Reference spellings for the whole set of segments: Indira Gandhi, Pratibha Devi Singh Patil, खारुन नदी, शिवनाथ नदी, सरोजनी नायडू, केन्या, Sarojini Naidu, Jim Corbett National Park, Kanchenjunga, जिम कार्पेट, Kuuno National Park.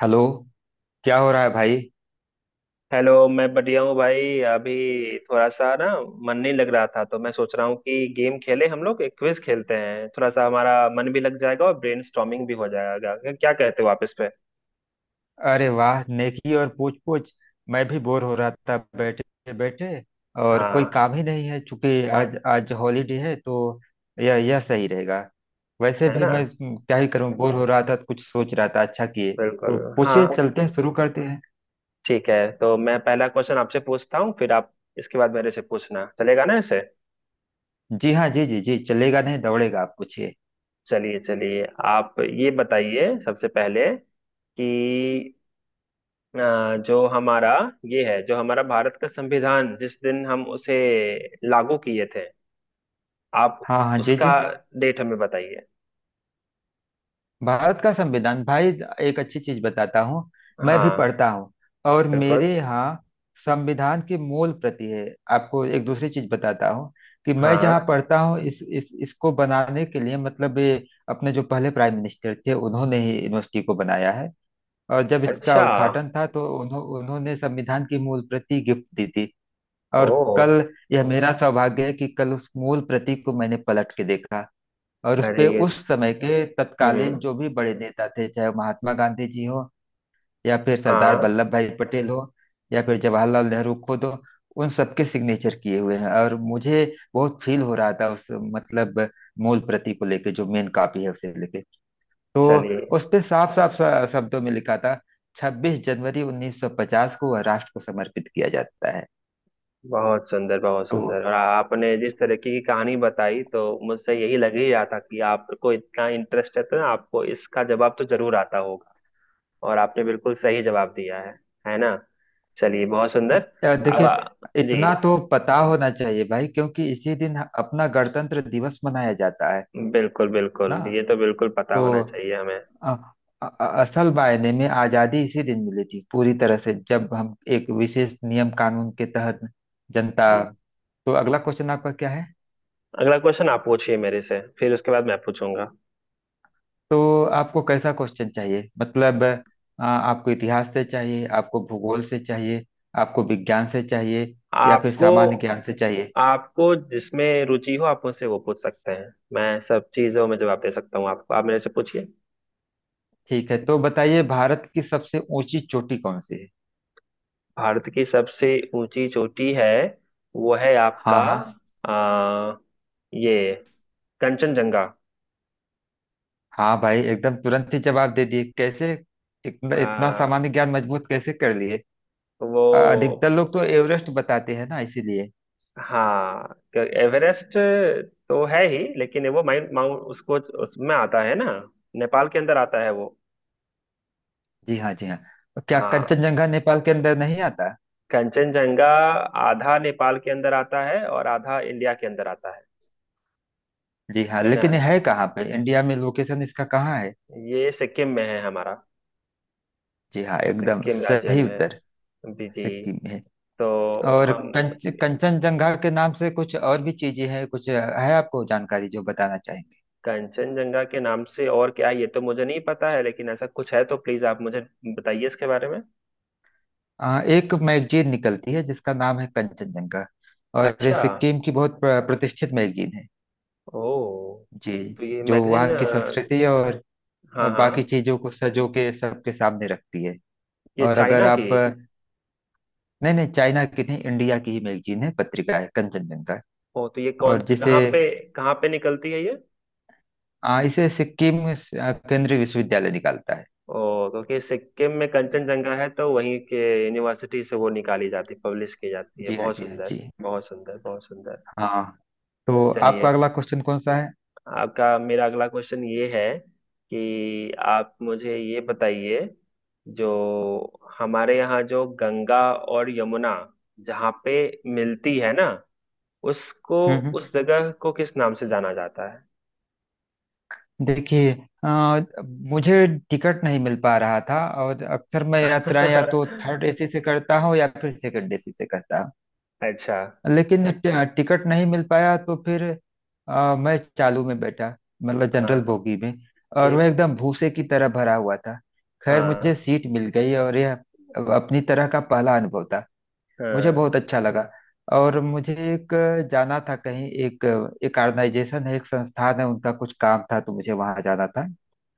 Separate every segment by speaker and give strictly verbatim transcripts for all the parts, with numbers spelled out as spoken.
Speaker 1: Hello. क्या हो रहा है भाई?
Speaker 2: हेलो। मैं बढ़िया हूँ भाई। अभी थोड़ा सा ना मन नहीं लग रहा था, तो मैं सोच रहा हूँ कि गेम खेले हम लोग। एक क्विज खेलते हैं, थोड़ा सा हमारा मन भी लग जाएगा और ब्रेनस्टॉर्मिंग भी हो जाएगा। क्या कहते हो आप इस पे?
Speaker 1: अरे वाह, नेकी और पूछ पूछ। मैं भी बोर हो रहा था बैठे बैठे। और कोई
Speaker 2: हाँ।
Speaker 1: काम ही नहीं है, चूंकि आज आज हॉलीडे है। तो यह यह सही रहेगा। वैसे
Speaker 2: है
Speaker 1: भी
Speaker 2: ना।
Speaker 1: मैं हम्म, क्या ही करूं, बोर हो रहा था तो कुछ सोच रहा था, अच्छा किए।
Speaker 2: बिल्कुल।
Speaker 1: तो पूछिए,
Speaker 2: हाँ।
Speaker 1: चलते हैं, शुरू करते हैं।
Speaker 2: ठीक है, तो मैं पहला क्वेश्चन आपसे पूछता हूँ, फिर आप इसके बाद मेरे से पूछना। चलेगा ना ऐसे?
Speaker 1: जी हाँ, जी जी जी, चलेगा नहीं दौड़ेगा, आप पूछिए।
Speaker 2: चलिए चलिए, आप ये बताइए सबसे पहले कि अ, जो हमारा ये है, जो हमारा भारत का संविधान जिस दिन हम उसे लागू किए थे, आप
Speaker 1: हाँ हाँ, जी जी।
Speaker 2: उसका डेट हमें बताइए।
Speaker 1: भारत का संविधान भाई, एक अच्छी चीज बताता हूँ। मैं भी
Speaker 2: हाँ।
Speaker 1: पढ़ता हूँ और
Speaker 2: बिल्कुल।
Speaker 1: मेरे यहाँ संविधान की मूल प्रति है। आपको एक दूसरी चीज बताता हूँ कि मैं जहाँ
Speaker 2: हाँ।
Speaker 1: पढ़ता हूँ, इस इस इसको बनाने के लिए, मतलब ये अपने जो पहले प्राइम मिनिस्टर थे उन्होंने ही यूनिवर्सिटी को बनाया है। और जब इसका
Speaker 2: अच्छा।
Speaker 1: उद्घाटन था तो उन्हों, उन्होंने संविधान की मूल प्रति गिफ्ट दी थी।
Speaker 2: ओ।
Speaker 1: और कल, यह मेरा सौभाग्य है कि कल उस मूल प्रति को मैंने पलट के देखा। और उस
Speaker 2: अरे
Speaker 1: पे
Speaker 2: ये।
Speaker 1: उस समय के तत्कालीन
Speaker 2: हम्म।
Speaker 1: जो भी बड़े नेता थे, चाहे वो महात्मा गांधी जी हो या फिर सरदार
Speaker 2: हाँ।
Speaker 1: वल्लभ भाई पटेल हो या फिर जवाहरलाल नेहरू खुद हो, उन सबके सिग्नेचर किए हुए हैं। और मुझे बहुत फील हो रहा था उस, मतलब मूल प्रति को लेके, जो मेन कॉपी है उसे लेके। तो
Speaker 2: चलिए
Speaker 1: उस पे साफ साफ शब्दों में लिखा था छब्बीस जनवरी उन्नीस सौ पचास को वह राष्ट्र को समर्पित किया जाता है।
Speaker 2: बहुत सुंदर बहुत
Speaker 1: तो
Speaker 2: सुंदर, और आपने जिस तरीके की कहानी बताई, तो मुझसे यही लग ही रहा था कि आपको इतना इंटरेस्ट है, तो आपको इसका जवाब तो जरूर आता होगा। और आपने बिल्कुल सही जवाब दिया है। है ना? चलिए बहुत सुंदर।
Speaker 1: अच्छा,
Speaker 2: अब चलिए
Speaker 1: देखिए,
Speaker 2: आ,
Speaker 1: इतना
Speaker 2: जी।
Speaker 1: तो पता होना चाहिए भाई, क्योंकि इसी दिन अपना गणतंत्र दिवस मनाया जाता है
Speaker 2: बिल्कुल
Speaker 1: ना।
Speaker 2: बिल्कुल, ये तो बिल्कुल पता
Speaker 1: तो
Speaker 2: होना चाहिए हमें।
Speaker 1: अ, अ- असल मायने में आजादी इसी दिन मिली थी, पूरी तरह से, जब हम एक विशेष नियम कानून के तहत जनता। तो अगला क्वेश्चन आपका क्या है?
Speaker 2: अगला क्वेश्चन आप पूछिए मेरे से, फिर उसके बाद मैं पूछूंगा।
Speaker 1: तो आपको कैसा क्वेश्चन चाहिए, मतलब अ, आपको इतिहास से चाहिए, आपको भूगोल से चाहिए, आपको विज्ञान से चाहिए, या फिर
Speaker 2: आपको
Speaker 1: सामान्य ज्ञान से चाहिए?
Speaker 2: आपको जिसमें रुचि हो, आप मुझसे वो पूछ सकते हैं। मैं सब चीजों में जवाब दे सकता हूँ आपको। आप मेरे से पूछिए।
Speaker 1: ठीक है, तो बताइए, भारत की सबसे ऊंची चोटी कौन सी है?
Speaker 2: भारत की सबसे ऊंची चोटी है, वो है आपका
Speaker 1: हाँ हाँ,
Speaker 2: आ, ये कंचनजंगा।
Speaker 1: हाँ भाई, एकदम तुरंत ही जवाब दे दिए कैसे? इतना इतना
Speaker 2: आ,
Speaker 1: सामान्य ज्ञान मजबूत कैसे कर लिए?
Speaker 2: वो
Speaker 1: अ, अधिकतर लोग तो एवरेस्ट बताते हैं ना, इसीलिए।
Speaker 2: हाँ क्यों- एवरेस्ट तो है ही, लेकिन वो माउंट माउंट उसको उसमें आता है ना। नेपाल के अंदर आता है वो।
Speaker 1: जी हाँ, जी हाँ। तो क्या
Speaker 2: हाँ।
Speaker 1: कंचनजंगा नेपाल के अंदर नहीं आता?
Speaker 2: कंचनजंगा आधा नेपाल के अंदर आता है और आधा इंडिया के अंदर आता है।
Speaker 1: जी हाँ,
Speaker 2: है ना?
Speaker 1: लेकिन ये है कहाँ पे? इंडिया में लोकेशन इसका कहाँ है?
Speaker 2: ये सिक्किम में है हमारा।
Speaker 1: जी हाँ, एकदम
Speaker 2: सिक्किम राज्य
Speaker 1: सही
Speaker 2: में
Speaker 1: उत्तर।
Speaker 2: है। जी जी।
Speaker 1: सिक्किम में है।
Speaker 2: तो
Speaker 1: और
Speaker 2: हम
Speaker 1: कंच कंचनजंगा के नाम से कुछ और भी चीजें हैं, कुछ है आपको जानकारी जो बताना चाहें?
Speaker 2: कंचनजंगा के नाम से और क्या है ये तो मुझे नहीं पता है, लेकिन ऐसा कुछ है तो प्लीज आप मुझे बताइए इसके बारे में।
Speaker 1: आ, एक मैगजीन निकलती है जिसका नाम है कंचनजंगा, और ये
Speaker 2: अच्छा।
Speaker 1: सिक्किम की बहुत प्र- प्रतिष्ठित मैगजीन है।
Speaker 2: ओ।
Speaker 1: जी,
Speaker 2: तो ये
Speaker 1: जो
Speaker 2: मैगजीन।
Speaker 1: वहाँ की संस्कृति और
Speaker 2: हाँ
Speaker 1: और बाकी
Speaker 2: हाँ।
Speaker 1: चीजों को सजो के सबके सामने रखती है।
Speaker 2: ये
Speaker 1: और अगर
Speaker 2: चाइना की।
Speaker 1: आप, नहीं नहीं, चाइना की नहीं, इंडिया की ही मैगजीन है, पत्रिका है, कंचनजंगा।
Speaker 2: ओ तो ये कौन,
Speaker 1: और जिसे,
Speaker 2: कहाँ पे कहाँ पे निकलती है ये?
Speaker 1: आ, इसे सिक्किम आ, केंद्रीय विश्वविद्यालय निकालता है।
Speaker 2: ओ, क्योंकि सिक्किम में
Speaker 1: जी,
Speaker 2: कंचनजंगा है तो वहीं के यूनिवर्सिटी से वो निकाली जाती, पब्लिश की जाती है।
Speaker 1: जी हाँ,
Speaker 2: बहुत
Speaker 1: जी हाँ,
Speaker 2: सुंदर।
Speaker 1: जी
Speaker 2: बहुत सुंदर बहुत सुंदर।
Speaker 1: हाँ। तो आपका
Speaker 2: चलिए
Speaker 1: अगला क्वेश्चन कौन सा है?
Speaker 2: आपका, मेरा अगला क्वेश्चन ये है कि आप मुझे ये बताइए, जो हमारे यहाँ जो गंगा और यमुना जहाँ पे मिलती है ना, उसको,
Speaker 1: हम्म हम्म
Speaker 2: उस जगह को किस नाम से जाना जाता है?
Speaker 1: देखिए, अ, मुझे टिकट नहीं मिल पा रहा था, और अक्सर मैं यात्राएं या तो थर्ड एसी से करता हूँ या फिर सेकंड एसी से करता हूँ।
Speaker 2: अच्छा।
Speaker 1: लेकिन ट- टिकट नहीं मिल पाया, तो फिर अ, मैं चालू में बैठा, मतलब
Speaker 2: हाँ।
Speaker 1: जनरल बोगी में। और वह
Speaker 2: ठीक।
Speaker 1: एकदम भूसे की तरह भरा हुआ था। खैर, मुझे
Speaker 2: हाँ
Speaker 1: सीट मिल गई और यह अब अपनी तरह का पहला अनुभव था, मुझे बहुत
Speaker 2: हाँ
Speaker 1: अच्छा लगा। और मुझे एक, अ, जाना था कहीं, एक अ, एक ऑर्गेनाइजेशन है, एक संस्थान है, उनका कुछ काम था, तो मुझे वहां जाना था।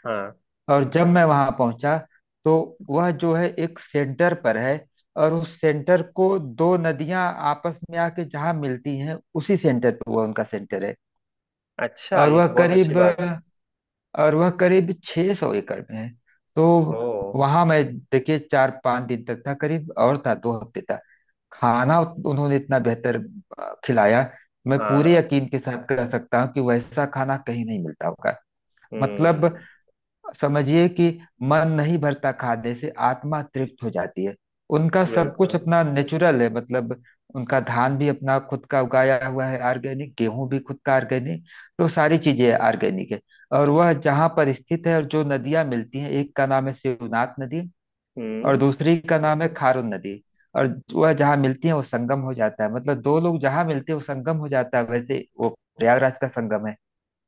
Speaker 2: हाँ।
Speaker 1: और जब मैं वहां पहुंचा तो वह जो है एक सेंटर पर है, और उस सेंटर को दो नदियां आपस में आके जहां मिलती हैं उसी सेंटर पर वह उनका सेंटर है।
Speaker 2: अच्छा,
Speaker 1: और
Speaker 2: ये
Speaker 1: वह
Speaker 2: तो बहुत अच्छी
Speaker 1: करीब
Speaker 2: बात
Speaker 1: और वह करीब छह सौ एकड़ में है। तो
Speaker 2: है। ओ।
Speaker 1: वहां मैं देखिए चार पांच दिन तक था करीब, और था दो हफ्ते तक। खाना उन्होंने इतना बेहतर अ, खिलाया, मैं पूरे
Speaker 2: हाँ।
Speaker 1: यकीन के साथ कह सकता हूँ कि वैसा खाना कहीं नहीं मिलता होगा। मतलब
Speaker 2: हम्म।
Speaker 1: समझिए कि मन नहीं भरता, खाने से आत्मा तृप्त हो जाती है। उनका सब कुछ
Speaker 2: बिल्कुल।
Speaker 1: अपना नेचुरल है, मतलब उनका धान भी अपना खुद का उगाया हुआ है, ऑर्गेनिक, गेहूं भी खुद का ऑर्गेनिक, तो सारी चीजें ऑर्गेनिक है। और वह जहाँ पर स्थित है, और जो नदियां मिलती हैं, एक का नाम है शिवनाथ नदी और
Speaker 2: हम्म।
Speaker 1: दूसरी का नाम है खारुन नदी। और वह जहाँ मिलती है वो संगम हो जाता है, मतलब दो लोग जहाँ मिलते हैं वो संगम हो जाता है। वैसे वो प्रयागराज का संगम है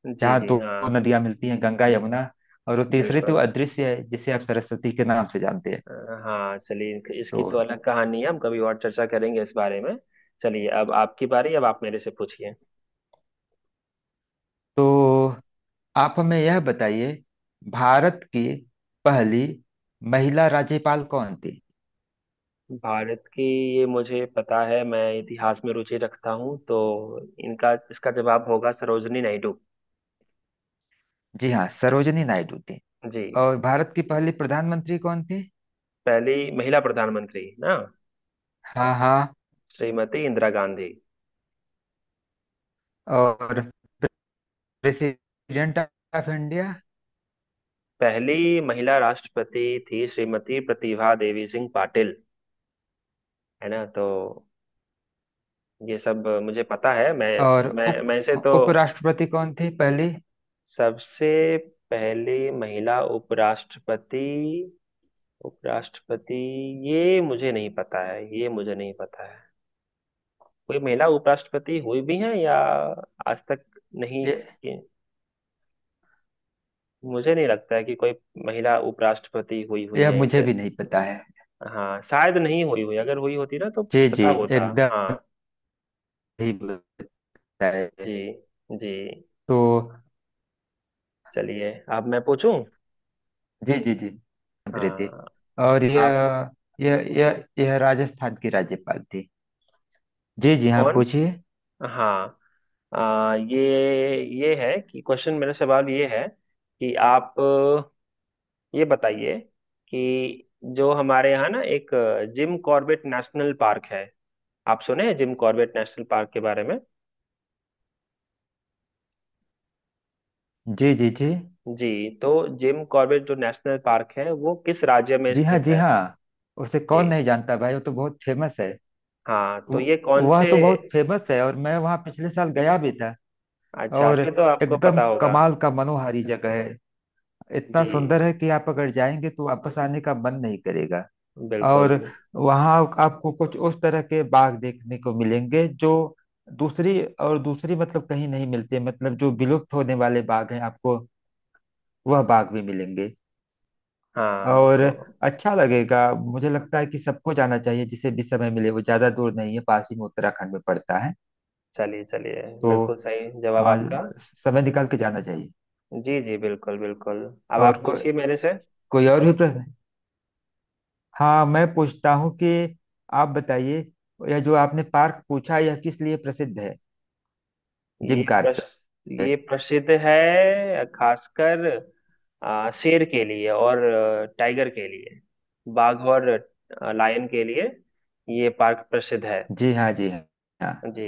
Speaker 2: जी
Speaker 1: जहाँ
Speaker 2: जी
Speaker 1: दो
Speaker 2: हाँ।
Speaker 1: दो नदियां मिलती हैं, गंगा यमुना, और वो तीसरी तो
Speaker 2: बिल्कुल।
Speaker 1: अदृश्य है जिसे आप सरस्वती के नाम से जानते हैं।
Speaker 2: अ, हाँ चलिए, इनक-
Speaker 1: तो
Speaker 2: इसकी तो अलग कहानी है, हम कभी और चर्चा करेंगे इस बारे में। चलिए अब आपकी बारी। अब आप मेरे से पूछिए।
Speaker 1: तो आप हमें यह बताइए, भारत की पहली महिला राज्यपाल कौन थी?
Speaker 2: भारत की, ये मुझे पता है, मैं इतिहास में रुचि रखता हूँ, तो इनका, इसका जवाब होगा सरोजनी नायडू।
Speaker 1: जी हाँ, सरोजनी नायडू थी।
Speaker 2: जी।
Speaker 1: और भारत की पहली प्रधानमंत्री कौन थी?
Speaker 2: पहली महिला प्रधानमंत्री ना?
Speaker 1: हाँ हाँ।
Speaker 2: श्रीमती इंदिरा गांधी।
Speaker 1: और प्रेसिडेंट ऑफ इंडिया?
Speaker 2: पहली महिला राष्ट्रपति थी श्रीमती प्रतिभा देवी सिंह पाटिल। है ना? तो ये सब मुझे पता है। मैं
Speaker 1: और
Speaker 2: मैं मैं इसे
Speaker 1: उप,
Speaker 2: तो।
Speaker 1: उपराष्ट्रपति कौन थी पहली?
Speaker 2: सबसे पहली महिला उपराष्ट्रपति। उपराष्ट्रपति, ये मुझे नहीं पता है, ये मुझे नहीं पता है। कोई महिला उपराष्ट्रपति हुई भी है या आज तक नहीं?
Speaker 1: ये,
Speaker 2: कि- मुझे नहीं लगता है कि कोई महिला उपराष्ट्रपति हुई हुई
Speaker 1: यह
Speaker 2: है
Speaker 1: मुझे
Speaker 2: इसे।
Speaker 1: भी नहीं पता है।
Speaker 2: हाँ शायद नहीं हुई हुई, अगर हुई होती ना तो
Speaker 1: जी जी,
Speaker 2: पता होता।
Speaker 1: एकदम
Speaker 2: हाँ।
Speaker 1: सही बताया।
Speaker 2: जी जी।
Speaker 1: तो
Speaker 2: चलिए अब मैं पूछूं।
Speaker 1: जी जी जी, प्रीति।
Speaker 2: हाँ।
Speaker 1: और
Speaker 2: आप।
Speaker 1: यह, यह यह यह राजस्थान की राज्यपाल थी। जी जी हाँ,
Speaker 2: कौन।
Speaker 1: पूछिए।
Speaker 2: हाँ आ, ये ये है कि क्वेश्चन, मेरा सवाल ये है कि आप अ, ये बताइए कि जो हमारे यहाँ ना एक अ, जिम कॉर्बेट नेशनल पार्क है। आप सुने हैं जिम कॉर्बेट नेशनल पार्क के बारे में?
Speaker 1: जी जी जी।
Speaker 2: जी। तो जिम कॉर्बेट जो नेशनल पार्क है वो किस राज्य में
Speaker 1: जी हाँ,
Speaker 2: स्थित
Speaker 1: जी
Speaker 2: है?
Speaker 1: हाँ, उसे
Speaker 2: जी
Speaker 1: कौन नहीं जानता भाई, वो तो बहुत फेमस है।
Speaker 2: हाँ, तो
Speaker 1: वो-
Speaker 2: ये कौन
Speaker 1: वह
Speaker 2: से।
Speaker 1: तो बहुत फेमस है और मैं वहाँ पिछले साल गया भी था।
Speaker 2: अच्छा,
Speaker 1: और
Speaker 2: फिर तो आपको
Speaker 1: एकदम
Speaker 2: पता होगा।
Speaker 1: कमाल का मनोहारी जगह है, इतना
Speaker 2: जी।
Speaker 1: सुंदर है कि आप अगर जाएंगे तो वापस आने का मन नहीं करेगा।
Speaker 2: बिल्कुल।
Speaker 1: और वहाँ आपको कुछ उस तरह के बाग देखने को मिलेंगे जो दूसरी और दूसरी मतलब कहीं नहीं मिलते, मतलब जो विलुप्त होने वाले बाग हैं आपको वह बाग भी मिलेंगे।
Speaker 2: हाँ
Speaker 1: और
Speaker 2: तो
Speaker 1: अच्छा लगेगा, मुझे लगता है कि सबको जाना चाहिए जिसे भी समय मिले, वो ज्यादा दूर नहीं है, पास ही में उत्तराखंड में पड़ता है।
Speaker 2: चलिए चलिए,
Speaker 1: तो
Speaker 2: बिल्कुल सही जवाब
Speaker 1: आ,
Speaker 2: आपका।
Speaker 1: समय निकाल के जाना चाहिए।
Speaker 2: जी जी बिल्कुल बिल्कुल। अब
Speaker 1: और
Speaker 2: आप
Speaker 1: को,
Speaker 2: पूछिए मेरे से।
Speaker 1: कोई और भी प्रश्न, हाँ मैं पूछता हूँ कि आप बताइए, यह जो आपने पार्क पूछा यह किस लिए प्रसिद्ध है,
Speaker 2: ये
Speaker 1: जिम कार्पेट?
Speaker 2: प्रश्न, ये प्रसिद्ध है खासकर आ, शेर के लिए और अ, टाइगर के लिए, बाघ और अ, लायन के लिए। ये पार्क प्रसिद्ध है।
Speaker 1: जी हाँ, जी हाँ।
Speaker 2: जी।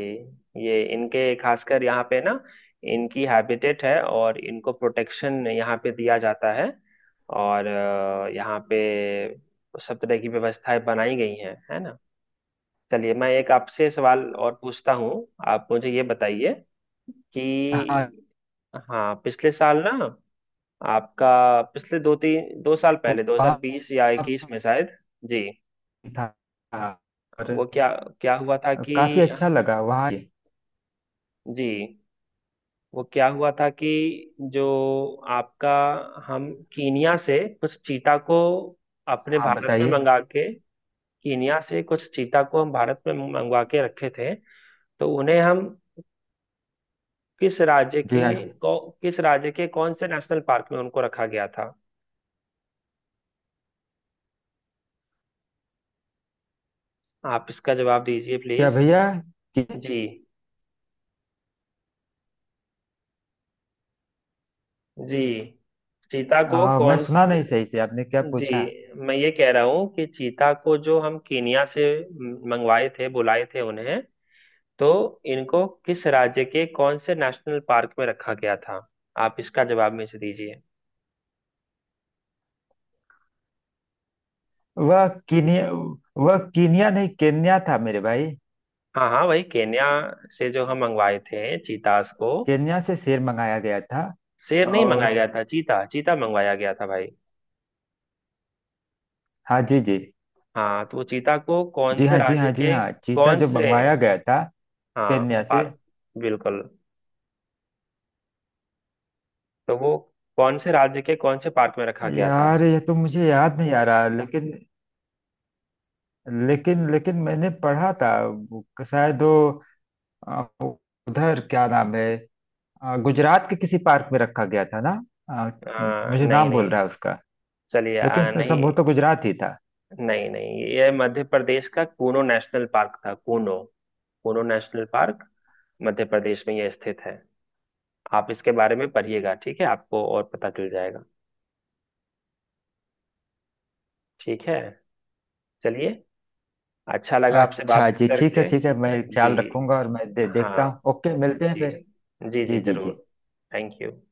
Speaker 2: ये इनके, खासकर यहाँ पे ना इनकी हैबिटेट है और इनको प्रोटेक्शन यहाँ पे दिया जाता है। और अ, यहाँ पे सब तरह की व्यवस्थाएं बनाई गई हैं। है ना? चलिए मैं एक आपसे सवाल और पूछता हूँ। आप मुझे ये बताइए
Speaker 1: हाँ,
Speaker 2: कि हाँ पिछले साल ना, आपका पिछले दो तीन, दो साल पहले,
Speaker 1: वहाँ
Speaker 2: दो हज़ार बीस या इक्कीस में शायद। जी।
Speaker 1: था और
Speaker 2: वो क्या, क्या हुआ था कि।
Speaker 1: काफ़ी अच्छा लगा वहाँ।
Speaker 2: जी। वो क्या हुआ था कि जो आपका हम कीनिया से कुछ चीता को अपने
Speaker 1: हाँ,
Speaker 2: भारत में
Speaker 1: बताइए।
Speaker 2: मंगा के, कीनिया से कुछ चीता को हम भारत में मंगवा के रखे थे। तो उन्हें हम किस राज्य
Speaker 1: जी हाँ,
Speaker 2: के
Speaker 1: जी।
Speaker 2: कौ, किस राज्य के कौन से नेशनल पार्क में उनको रखा गया था? आप इसका जवाब दीजिए
Speaker 1: क्या
Speaker 2: प्लीज।
Speaker 1: भैया कि,
Speaker 2: जी। जी। चीता को
Speaker 1: हाँ, मैं
Speaker 2: कौन
Speaker 1: सुना
Speaker 2: से।
Speaker 1: नहीं सही से, आपने क्या
Speaker 2: जी।
Speaker 1: पूछा?
Speaker 2: मैं ये कह रहा हूँ कि चीता को जो हम कीनिया से मंगवाए थे, बुलाए थे उन्हें, तो इनको किस राज्य के कौन से नेशनल पार्क में रखा गया था? आप इसका जवाब में से दीजिए।
Speaker 1: वह कीनिया वह कीनिया नहीं, केन्या था मेरे भाई।
Speaker 2: हाँ हाँ वही केन्या से, जो हम मंगवाए थे चीतास को।
Speaker 1: केन्या से शेर मंगाया गया था।
Speaker 2: शेर नहीं मंगाया
Speaker 1: और
Speaker 2: गया था, चीता चीता मंगवाया गया था भाई।
Speaker 1: हाँ जी, जी।
Speaker 2: हाँ, तो वो चीता को कौन
Speaker 1: जी
Speaker 2: से
Speaker 1: हाँ, जी
Speaker 2: राज्य
Speaker 1: हाँ, जी
Speaker 2: के,
Speaker 1: हाँ। चीता
Speaker 2: कौन
Speaker 1: जो
Speaker 2: से।
Speaker 1: मंगवाया गया था
Speaker 2: हाँ।
Speaker 1: केन्या से,
Speaker 2: पार्क। बिल्कुल। तो वो कौन से राज्य के, कौन से पार्क में रखा गया था?
Speaker 1: यार ये तो मुझे याद नहीं आ रहा, लेकिन लेकिन लेकिन मैंने पढ़ा था, वो शायद वो अ, उधर क्या नाम है, अ, गुजरात के किसी पार्क में रखा गया था ना। अ,
Speaker 2: आ,
Speaker 1: मुझे
Speaker 2: नहीं
Speaker 1: नाम भूल
Speaker 2: नहीं।
Speaker 1: रहा है उसका,
Speaker 2: चलिए
Speaker 1: लेकिन
Speaker 2: आ,
Speaker 1: स-
Speaker 2: नहीं।
Speaker 1: संभव तो गुजरात ही था।
Speaker 2: नहीं नहीं, ये मध्य प्रदेश का कूनो नेशनल पार्क था। कूनो, कोनो नेशनल पार्क मध्य प्रदेश में यह स्थित है। आप इसके बारे में पढ़िएगा, ठीक है, आपको और पता चल जाएगा। ठीक है। चलिए, अच्छा लगा आपसे
Speaker 1: अच्छा
Speaker 2: बात
Speaker 1: जी, ठीक है
Speaker 2: करके।
Speaker 1: ठीक है, मैं
Speaker 2: जी।
Speaker 1: ख्याल रखूंगा और मैं दे, देखता
Speaker 2: हाँ।
Speaker 1: हूँ। ओके, मिलते हैं
Speaker 2: जी।
Speaker 1: फिर।
Speaker 2: जी जी
Speaker 1: जी जी जी।
Speaker 2: जरूर। Thank you.